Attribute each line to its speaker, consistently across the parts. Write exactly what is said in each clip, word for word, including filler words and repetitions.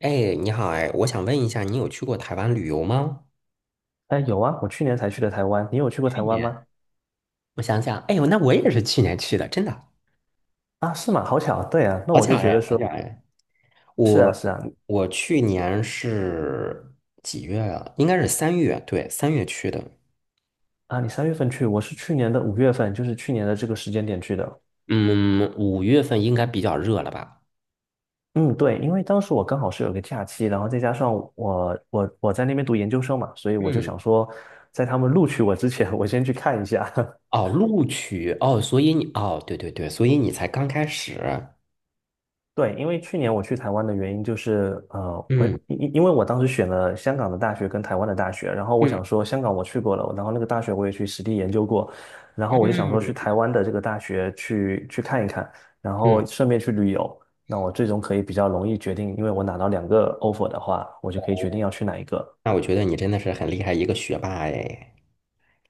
Speaker 1: 哎，你好哎，我想问一下，你有去过台湾旅游吗？
Speaker 2: 哎，有啊，我去年才去的台湾，你有去过
Speaker 1: 去
Speaker 2: 台湾
Speaker 1: 年，
Speaker 2: 吗？
Speaker 1: 我想想，哎呦，那我也是去年去的，真的，
Speaker 2: 啊，是吗？好巧，对啊，那
Speaker 1: 好
Speaker 2: 我就
Speaker 1: 巧
Speaker 2: 觉
Speaker 1: 哎，
Speaker 2: 得
Speaker 1: 好
Speaker 2: 说，
Speaker 1: 巧哎！
Speaker 2: 是啊，
Speaker 1: 我
Speaker 2: 是啊，
Speaker 1: 我去年是几月啊？应该是三月，对，三月去的。
Speaker 2: 啊，你三月份去，我是去年的五月份，就是去年的这个时间点去的。
Speaker 1: 嗯，五月份应该比较热了吧？
Speaker 2: 嗯，对，因为当时我刚好是有个假期，然后再加上我我我在那边读研究生嘛，所以我就
Speaker 1: 嗯，
Speaker 2: 想说，在他们录取我之前，我先去看一下。
Speaker 1: 哦，录取哦，所以你哦，对对对，所以你才刚开始。
Speaker 2: 对，因为去年我去台湾的原因就是，呃，我
Speaker 1: 嗯
Speaker 2: 因因因为我当时选了香港的大学跟台湾的大学，然后我
Speaker 1: 嗯
Speaker 2: 想说香港我去过了，然后那个大学我也去实地研究过，然后我就想说去台湾的这个大学去去看一看，然
Speaker 1: 嗯，
Speaker 2: 后顺便去旅游，那我最终可以比较容易决定，因为我拿到两个 offer 的话，我就可以决定要去哪一个。
Speaker 1: 那我觉得你真的是很厉害一个学霸哎。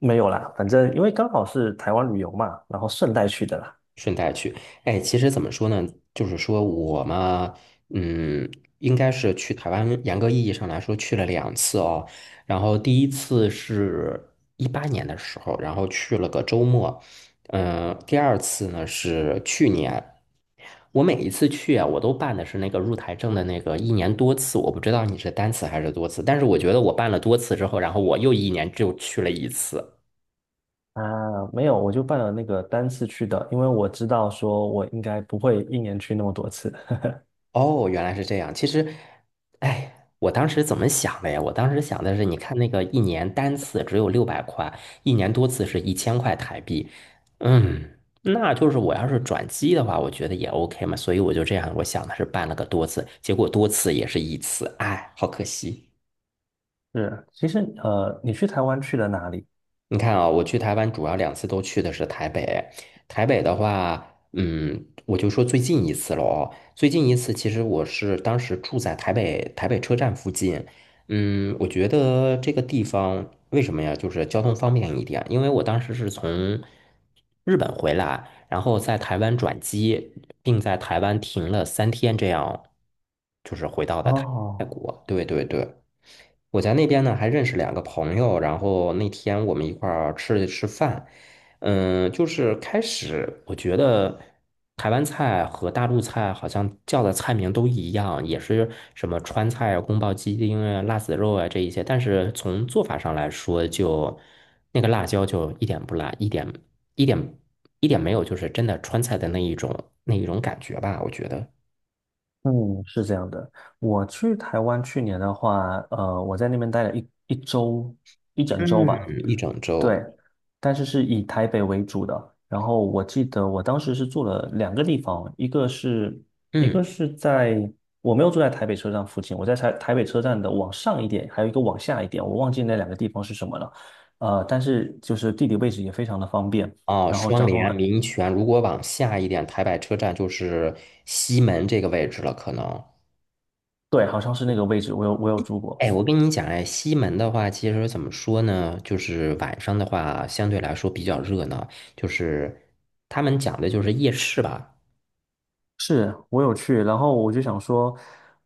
Speaker 2: 没有啦，反正因为刚好是台湾旅游嘛，然后顺带去的啦。
Speaker 1: 顺带去，哎，其实怎么说呢？就是说我嘛，嗯，应该是去台湾，严格意义上来说去了两次哦。然后第一次是一八年的时候，然后去了个周末，嗯、第二次呢是去年。我每一次去啊，我都办的是那个入台证的那个一年多次，我不知道你是单次还是多次，但是我觉得我办了多次之后，然后我又一年就去了一次。
Speaker 2: 啊，没有，我就办了那个单次去的，因为我知道说我应该不会一年去那么多次。
Speaker 1: 哦，原来是这样。其实，哎，我当时怎么想的呀？我当时想的是，你看那个一年单次只有六百块，一年多次是一千块台币。嗯，那就是我要是转机的话，我觉得也 OK 嘛。所以我就这样，我想的是办了个多次，结果多次也是一次，哎，好可惜。
Speaker 2: 是，其实呃，你去台湾去了哪里？
Speaker 1: 你看啊，我去台湾主要两次都去的是台北。台北的话，嗯，我就说最近一次了哦。最近一次，其实我是当时住在台北台北车站附近。嗯，我觉得这个地方为什么呀？就是交通方便一点，因为我当时是从日本回来，然后在台湾转机，并在台湾停了三天，这样就是回到的台。泰
Speaker 2: 哦，
Speaker 1: 国，对对对。我在那边呢还认识两个朋友，然后那天我们一块儿吃了吃饭，嗯，就是开始我觉得台湾菜和大陆菜好像叫的菜名都一样，也是什么川菜啊、宫保鸡丁啊、辣子肉啊这一些，但是从做法上来说就，那个辣椒就一点不辣，一点一点一点没有，就是真的川菜的那一种那一种感觉吧，我觉得，
Speaker 2: 嗯，是这样的。我去台湾去年的话，呃，我在那边待了一一周，一整周
Speaker 1: 嗯，
Speaker 2: 吧。
Speaker 1: 一整周，
Speaker 2: 对，但是是以台北为主的。然后我记得我当时是住了两个地方，一个是一
Speaker 1: 嗯。
Speaker 2: 个是在，我没有住在台北车站附近，我在台台北车站的往上一点，还有一个往下一点，我忘记那两个地方是什么了。呃，但是就是地理位置也非常的方便，
Speaker 1: 啊，
Speaker 2: 然后
Speaker 1: 双
Speaker 2: 交通
Speaker 1: 联
Speaker 2: 很，
Speaker 1: 民权，如果往下一点，台北车站就是西门这个位置了，可能。
Speaker 2: 对，好像是那个位置，我有我有住过，
Speaker 1: 哎，我跟你讲，哎，西门的话，其实怎么说呢？就是晚上的话，相对来说比较热闹，就是他们讲的就是夜市吧。
Speaker 2: 是我有去，然后我就想说，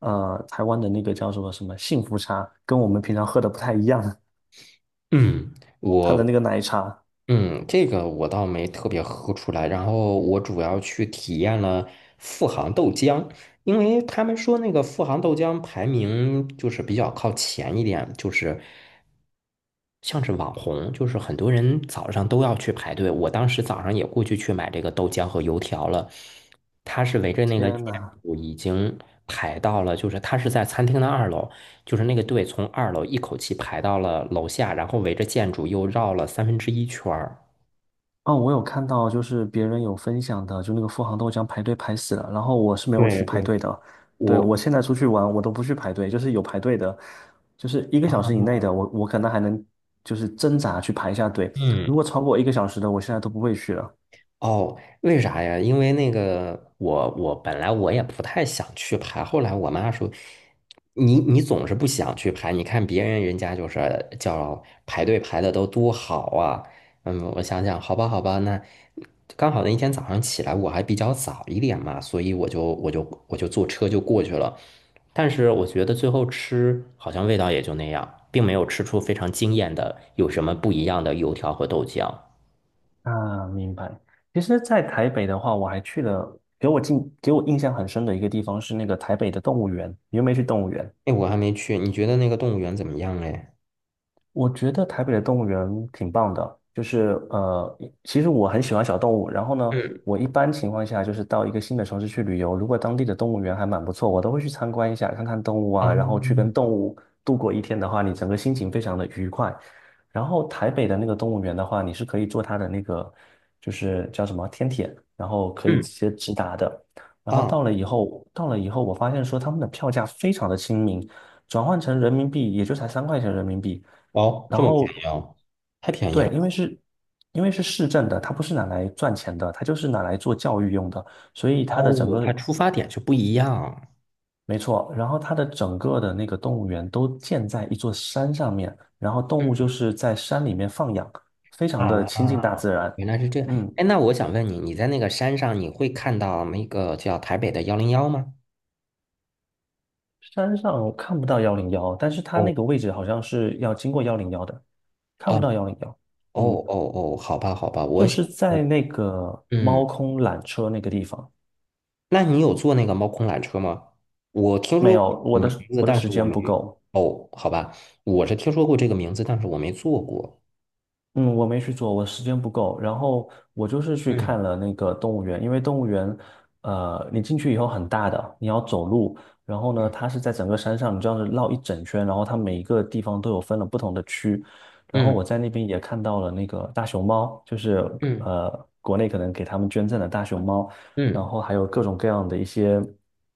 Speaker 2: 呃，台湾的那个叫什么什么幸福茶，跟我们平常喝的不太一样，
Speaker 1: 嗯，
Speaker 2: 它
Speaker 1: 我
Speaker 2: 的那个奶茶，
Speaker 1: 嗯，这个我倒没特别喝出来，然后我主要去体验了富航豆浆，因为他们说那个富航豆浆排名就是比较靠前一点，就是像是网红，就是很多人早上都要去排队。我当时早上也过去去买这个豆浆和油条了，他是围着那个建
Speaker 2: 天呐！
Speaker 1: 筑已经排到了，就是他是在餐厅的二楼，就是那个队从二楼一口气排到了楼下，然后围着建筑又绕了三分之一圈儿。
Speaker 2: 哦，我有看到，就是别人有分享的，就那个富航豆浆排队排死了，然后我是没有去
Speaker 1: 对
Speaker 2: 排
Speaker 1: 对，
Speaker 2: 队的。对，
Speaker 1: 我
Speaker 2: 我现在出去玩，我都不去排队，就是有排队的，就是一个小时以内的，我我可能还能就是挣扎去排一下队。如果
Speaker 1: 嗯，
Speaker 2: 超过一个小时的，我现在都不会去了。
Speaker 1: 哦，为啥呀？因为那个我我本来我也不太想去排，后来我妈说，你你总是不想去排，你看别人人家就是叫排队排的都多好啊。嗯，我想想，好吧好吧，那刚好那一天早上起来我还比较早一点嘛，所以我就我就我就坐车就过去了。但是我觉得最后吃好像味道也就那样，并没有吃出非常惊艳的有什么不一样的油条和豆浆。
Speaker 2: 啊，明白。其实，在台北的话，我还去了，给我印给我印象很深的一个地方是那个台北的动物园。你有没有去动物园？
Speaker 1: 哎，我还没去，你觉得那个动物园怎么样嘞？
Speaker 2: 我觉得台北的动物园挺棒的，就是呃，其实我很喜欢小动物。然后呢，
Speaker 1: 嗯
Speaker 2: 我一般情况下就是到一个新的城市去旅游，如果当地的动物园还蛮不错，我都会去参观一下，看看动物啊，
Speaker 1: 啊，
Speaker 2: 然后去跟动物度过一天的话，你整个心情非常的愉快。然后台北的那个动物园的话，你是可以坐它的那个就是叫什么天铁，然后可以
Speaker 1: 嗯
Speaker 2: 直接直达的。然后
Speaker 1: 啊，
Speaker 2: 到了以后，到了以后，我发现说他们的票价非常的亲民，转换成人民币也就才三块钱人民币。
Speaker 1: 哦，
Speaker 2: 然
Speaker 1: 这么便宜
Speaker 2: 后
Speaker 1: 哦，太便宜
Speaker 2: 对，
Speaker 1: 了吧
Speaker 2: 因为是，因为是市政的，它不是拿来赚钱的，它就是拿来做教育用的，所以它的整
Speaker 1: 哦，
Speaker 2: 个，
Speaker 1: 它出发点是不一样。
Speaker 2: 没错，然后它的整个的那个动物园都建在一座山上面，然后动物就
Speaker 1: 嗯，
Speaker 2: 是在山里面放养，非常的
Speaker 1: 啊，
Speaker 2: 亲近大自然。
Speaker 1: 原来是这样。
Speaker 2: 嗯，
Speaker 1: 哎，那我想问你，你在那个山上，你会看到那个叫台北的幺零幺吗？
Speaker 2: 山上我看不到幺零幺，但是它
Speaker 1: 哦
Speaker 2: 那个位置好像是要经过幺零幺的，看
Speaker 1: 哦
Speaker 2: 不到幺零幺。
Speaker 1: 哦
Speaker 2: 嗯，
Speaker 1: 哦哦，好吧好吧，我
Speaker 2: 就
Speaker 1: 想，
Speaker 2: 是在那个
Speaker 1: 嗯，
Speaker 2: 猫空缆车那个地方。
Speaker 1: 那你有坐那个猫空缆车吗？我听
Speaker 2: 没
Speaker 1: 说过
Speaker 2: 有，我
Speaker 1: 这个名
Speaker 2: 的
Speaker 1: 字，
Speaker 2: 我的
Speaker 1: 但
Speaker 2: 时
Speaker 1: 是我
Speaker 2: 间
Speaker 1: 没。
Speaker 2: 不够。
Speaker 1: 哦，好吧，我是听说过这个名字，但是我没坐过。
Speaker 2: 嗯，我没去做，我时间不够。然后我就是去
Speaker 1: 嗯。
Speaker 2: 看了那个动物园，因为动物园，呃，你进去以后很大的，你要走路。然后呢，它是在整个山上，你这样子绕一整圈，然后它每一个地方都有分了不同的区。然后我
Speaker 1: 嗯
Speaker 2: 在那边也看到了那个大熊猫，就是
Speaker 1: 嗯
Speaker 2: 呃，国内可能给他们捐赠的大熊猫，然
Speaker 1: 嗯
Speaker 2: 后还有各种各样的一些。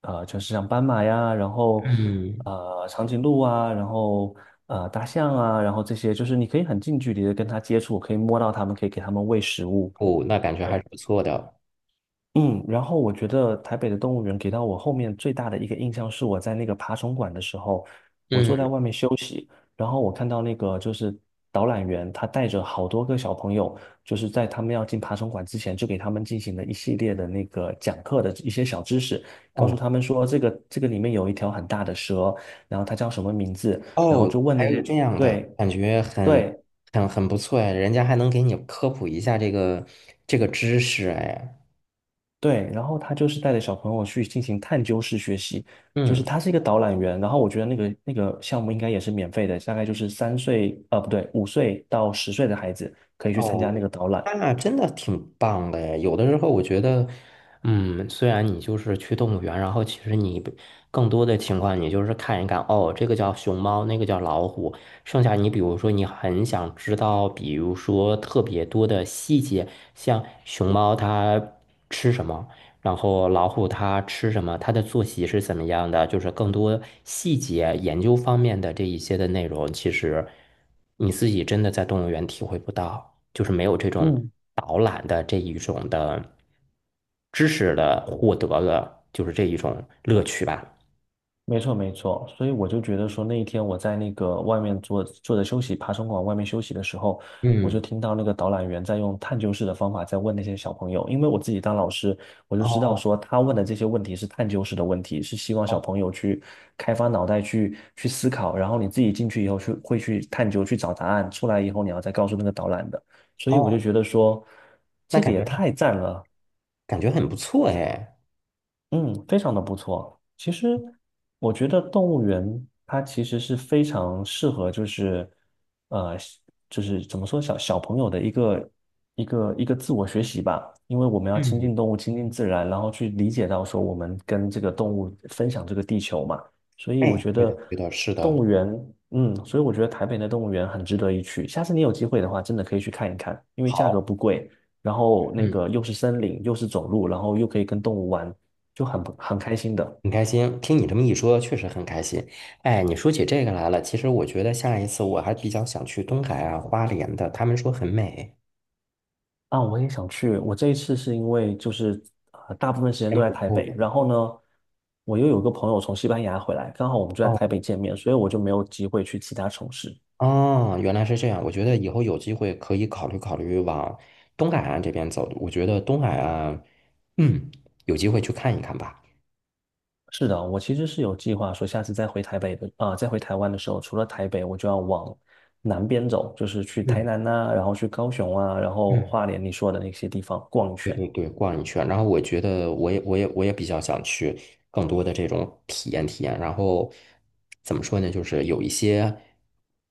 Speaker 2: 呃城是像斑马呀，然后
Speaker 1: 嗯，
Speaker 2: 呃长颈鹿啊，然后呃大象啊，然后这些就是你可以很近距离的跟它接触，可以摸到它们，可以给它们喂食物。
Speaker 1: 哦，那感觉还
Speaker 2: 对，
Speaker 1: 是不错的。
Speaker 2: 嗯，然后我觉得台北的动物园给到我后面最大的一个印象是我在那个爬虫馆的时候。
Speaker 1: 嗯，
Speaker 2: 然后我看到那个就是导览员，他带着好多个小朋友，就是在他们要进爬虫馆之前，就给他们进行了一系列的那个讲课的一些小知识，告诉
Speaker 1: 哦
Speaker 2: 他们说这个这个里面有一条很大的蛇，然后它叫什么名字，然后
Speaker 1: 哦，
Speaker 2: 就问那
Speaker 1: 还有
Speaker 2: 些
Speaker 1: 这样的
Speaker 2: 对
Speaker 1: 感觉很
Speaker 2: 对
Speaker 1: 很很不错哎，人家还能给你科普一下这个这个知识哎。
Speaker 2: 对，然后他就是带着小朋友去进行探究式学习，就是
Speaker 1: 嗯。
Speaker 2: 他是一个导览员，然后我觉得那个那个项目应该也是免费的，大概就是三岁呃不对五岁到十岁的孩子可以去参
Speaker 1: 哦，
Speaker 2: 加那个导览。
Speaker 1: 那真的挺棒的诶。有的时候我觉得，嗯，虽然你就是去动物园，然后其实你不更多的情况，你就是看一看，哦，这个叫熊猫，那个叫老虎。剩下你比如说你很想知道，比如说特别多的细节，像熊猫它吃什么，然后老虎它吃什么，它的作息是怎么样的，就是更多细节研究方面的这一些的内容，其实你自己真的在动物园体会不到。就是没有这种
Speaker 2: 嗯。
Speaker 1: 导览的这一种的知识的获得的，就是这一种乐趣吧。
Speaker 2: 没错，没错，所以我就觉得说，那一天我在那个外面坐坐着休息，爬虫馆外面休息的时候，我就
Speaker 1: 嗯，
Speaker 2: 听到那个导览员在用探究式的方法在问那些小朋友，因为我自己当老师，我就知道
Speaker 1: 哦
Speaker 2: 说他问的这些问题是探究式的问题，是希望小
Speaker 1: 哦
Speaker 2: 朋友去开发脑袋去去思考，然后你自己进去以后去会去探究去找答案，出来以后你要再告诉那个导览的，所以我就
Speaker 1: 哦，
Speaker 2: 觉得说，
Speaker 1: 那
Speaker 2: 这个
Speaker 1: 感
Speaker 2: 也
Speaker 1: 觉
Speaker 2: 太赞了。
Speaker 1: 感觉很不错哎。
Speaker 2: 嗯，非常的不错。其实我觉得动物园它其实是非常适合，就是呃，就是怎么说小小朋友的一个一个一个自我学习吧。因为我们要亲
Speaker 1: 嗯，
Speaker 2: 近动物，亲近自然，然后去理解到说我们跟这个动物分享这个地球嘛。所以我
Speaker 1: 哎，
Speaker 2: 觉
Speaker 1: 对
Speaker 2: 得
Speaker 1: 的对的，是
Speaker 2: 动
Speaker 1: 的，
Speaker 2: 物园，嗯，所以我觉得台北的动物园很值得一去。下次你有机会的话，真的可以去看一看，因为价格
Speaker 1: 好，
Speaker 2: 不贵。然后那
Speaker 1: 嗯，
Speaker 2: 个又是森林，又是走路，然后又可以跟动物玩，就很不很开心的
Speaker 1: 很开心，听你这么一说，确实很开心。哎，你说起这个来了，其实我觉得下一次我还比较想去东海啊、花莲的，他们说很美，
Speaker 2: 啊！我也想去。我这一次是因为就是呃，大部分时间都
Speaker 1: 先
Speaker 2: 在
Speaker 1: 不
Speaker 2: 台
Speaker 1: 错
Speaker 2: 北，然
Speaker 1: 了。
Speaker 2: 后呢，我又有个朋友从西班牙回来，刚好我们就在台
Speaker 1: 哦。
Speaker 2: 北见面，所以我就没有机会去其他城市。
Speaker 1: 哦，原来是这样。我觉得以后有机会可以考虑考虑往东海岸这边走。我觉得东海岸，嗯，有机会去看一看吧。
Speaker 2: 是的，我其实是有计划说，下次再回台北的啊、再回台湾的时候，除了台北，我就要往南边走，就是去台
Speaker 1: 嗯
Speaker 2: 南呐、然后去高雄啊，然后花
Speaker 1: 嗯
Speaker 2: 莲你说的那些地方逛一
Speaker 1: 对
Speaker 2: 圈。
Speaker 1: 对对，逛一圈。然后我觉得我也我也我也比较想去更多的这种体验体验。然后怎么说呢？就是有一些，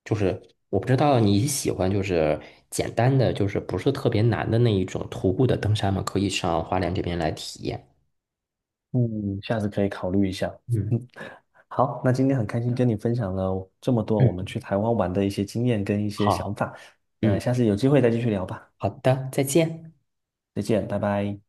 Speaker 1: 就是我不知道你喜欢就是简单的，就是不是特别难的那一种徒步的登山吗？可以上花莲这边来体验。
Speaker 2: 嗯，下次可以考虑一下。
Speaker 1: 嗯
Speaker 2: 好，那今天很开心跟你分享了这么多我
Speaker 1: 嗯，
Speaker 2: 们去台湾玩的一些经验跟一些想
Speaker 1: 好。
Speaker 2: 法，那
Speaker 1: 嗯。
Speaker 2: 下次有机会再继续聊吧，
Speaker 1: 好的，再见。
Speaker 2: 再见，拜拜。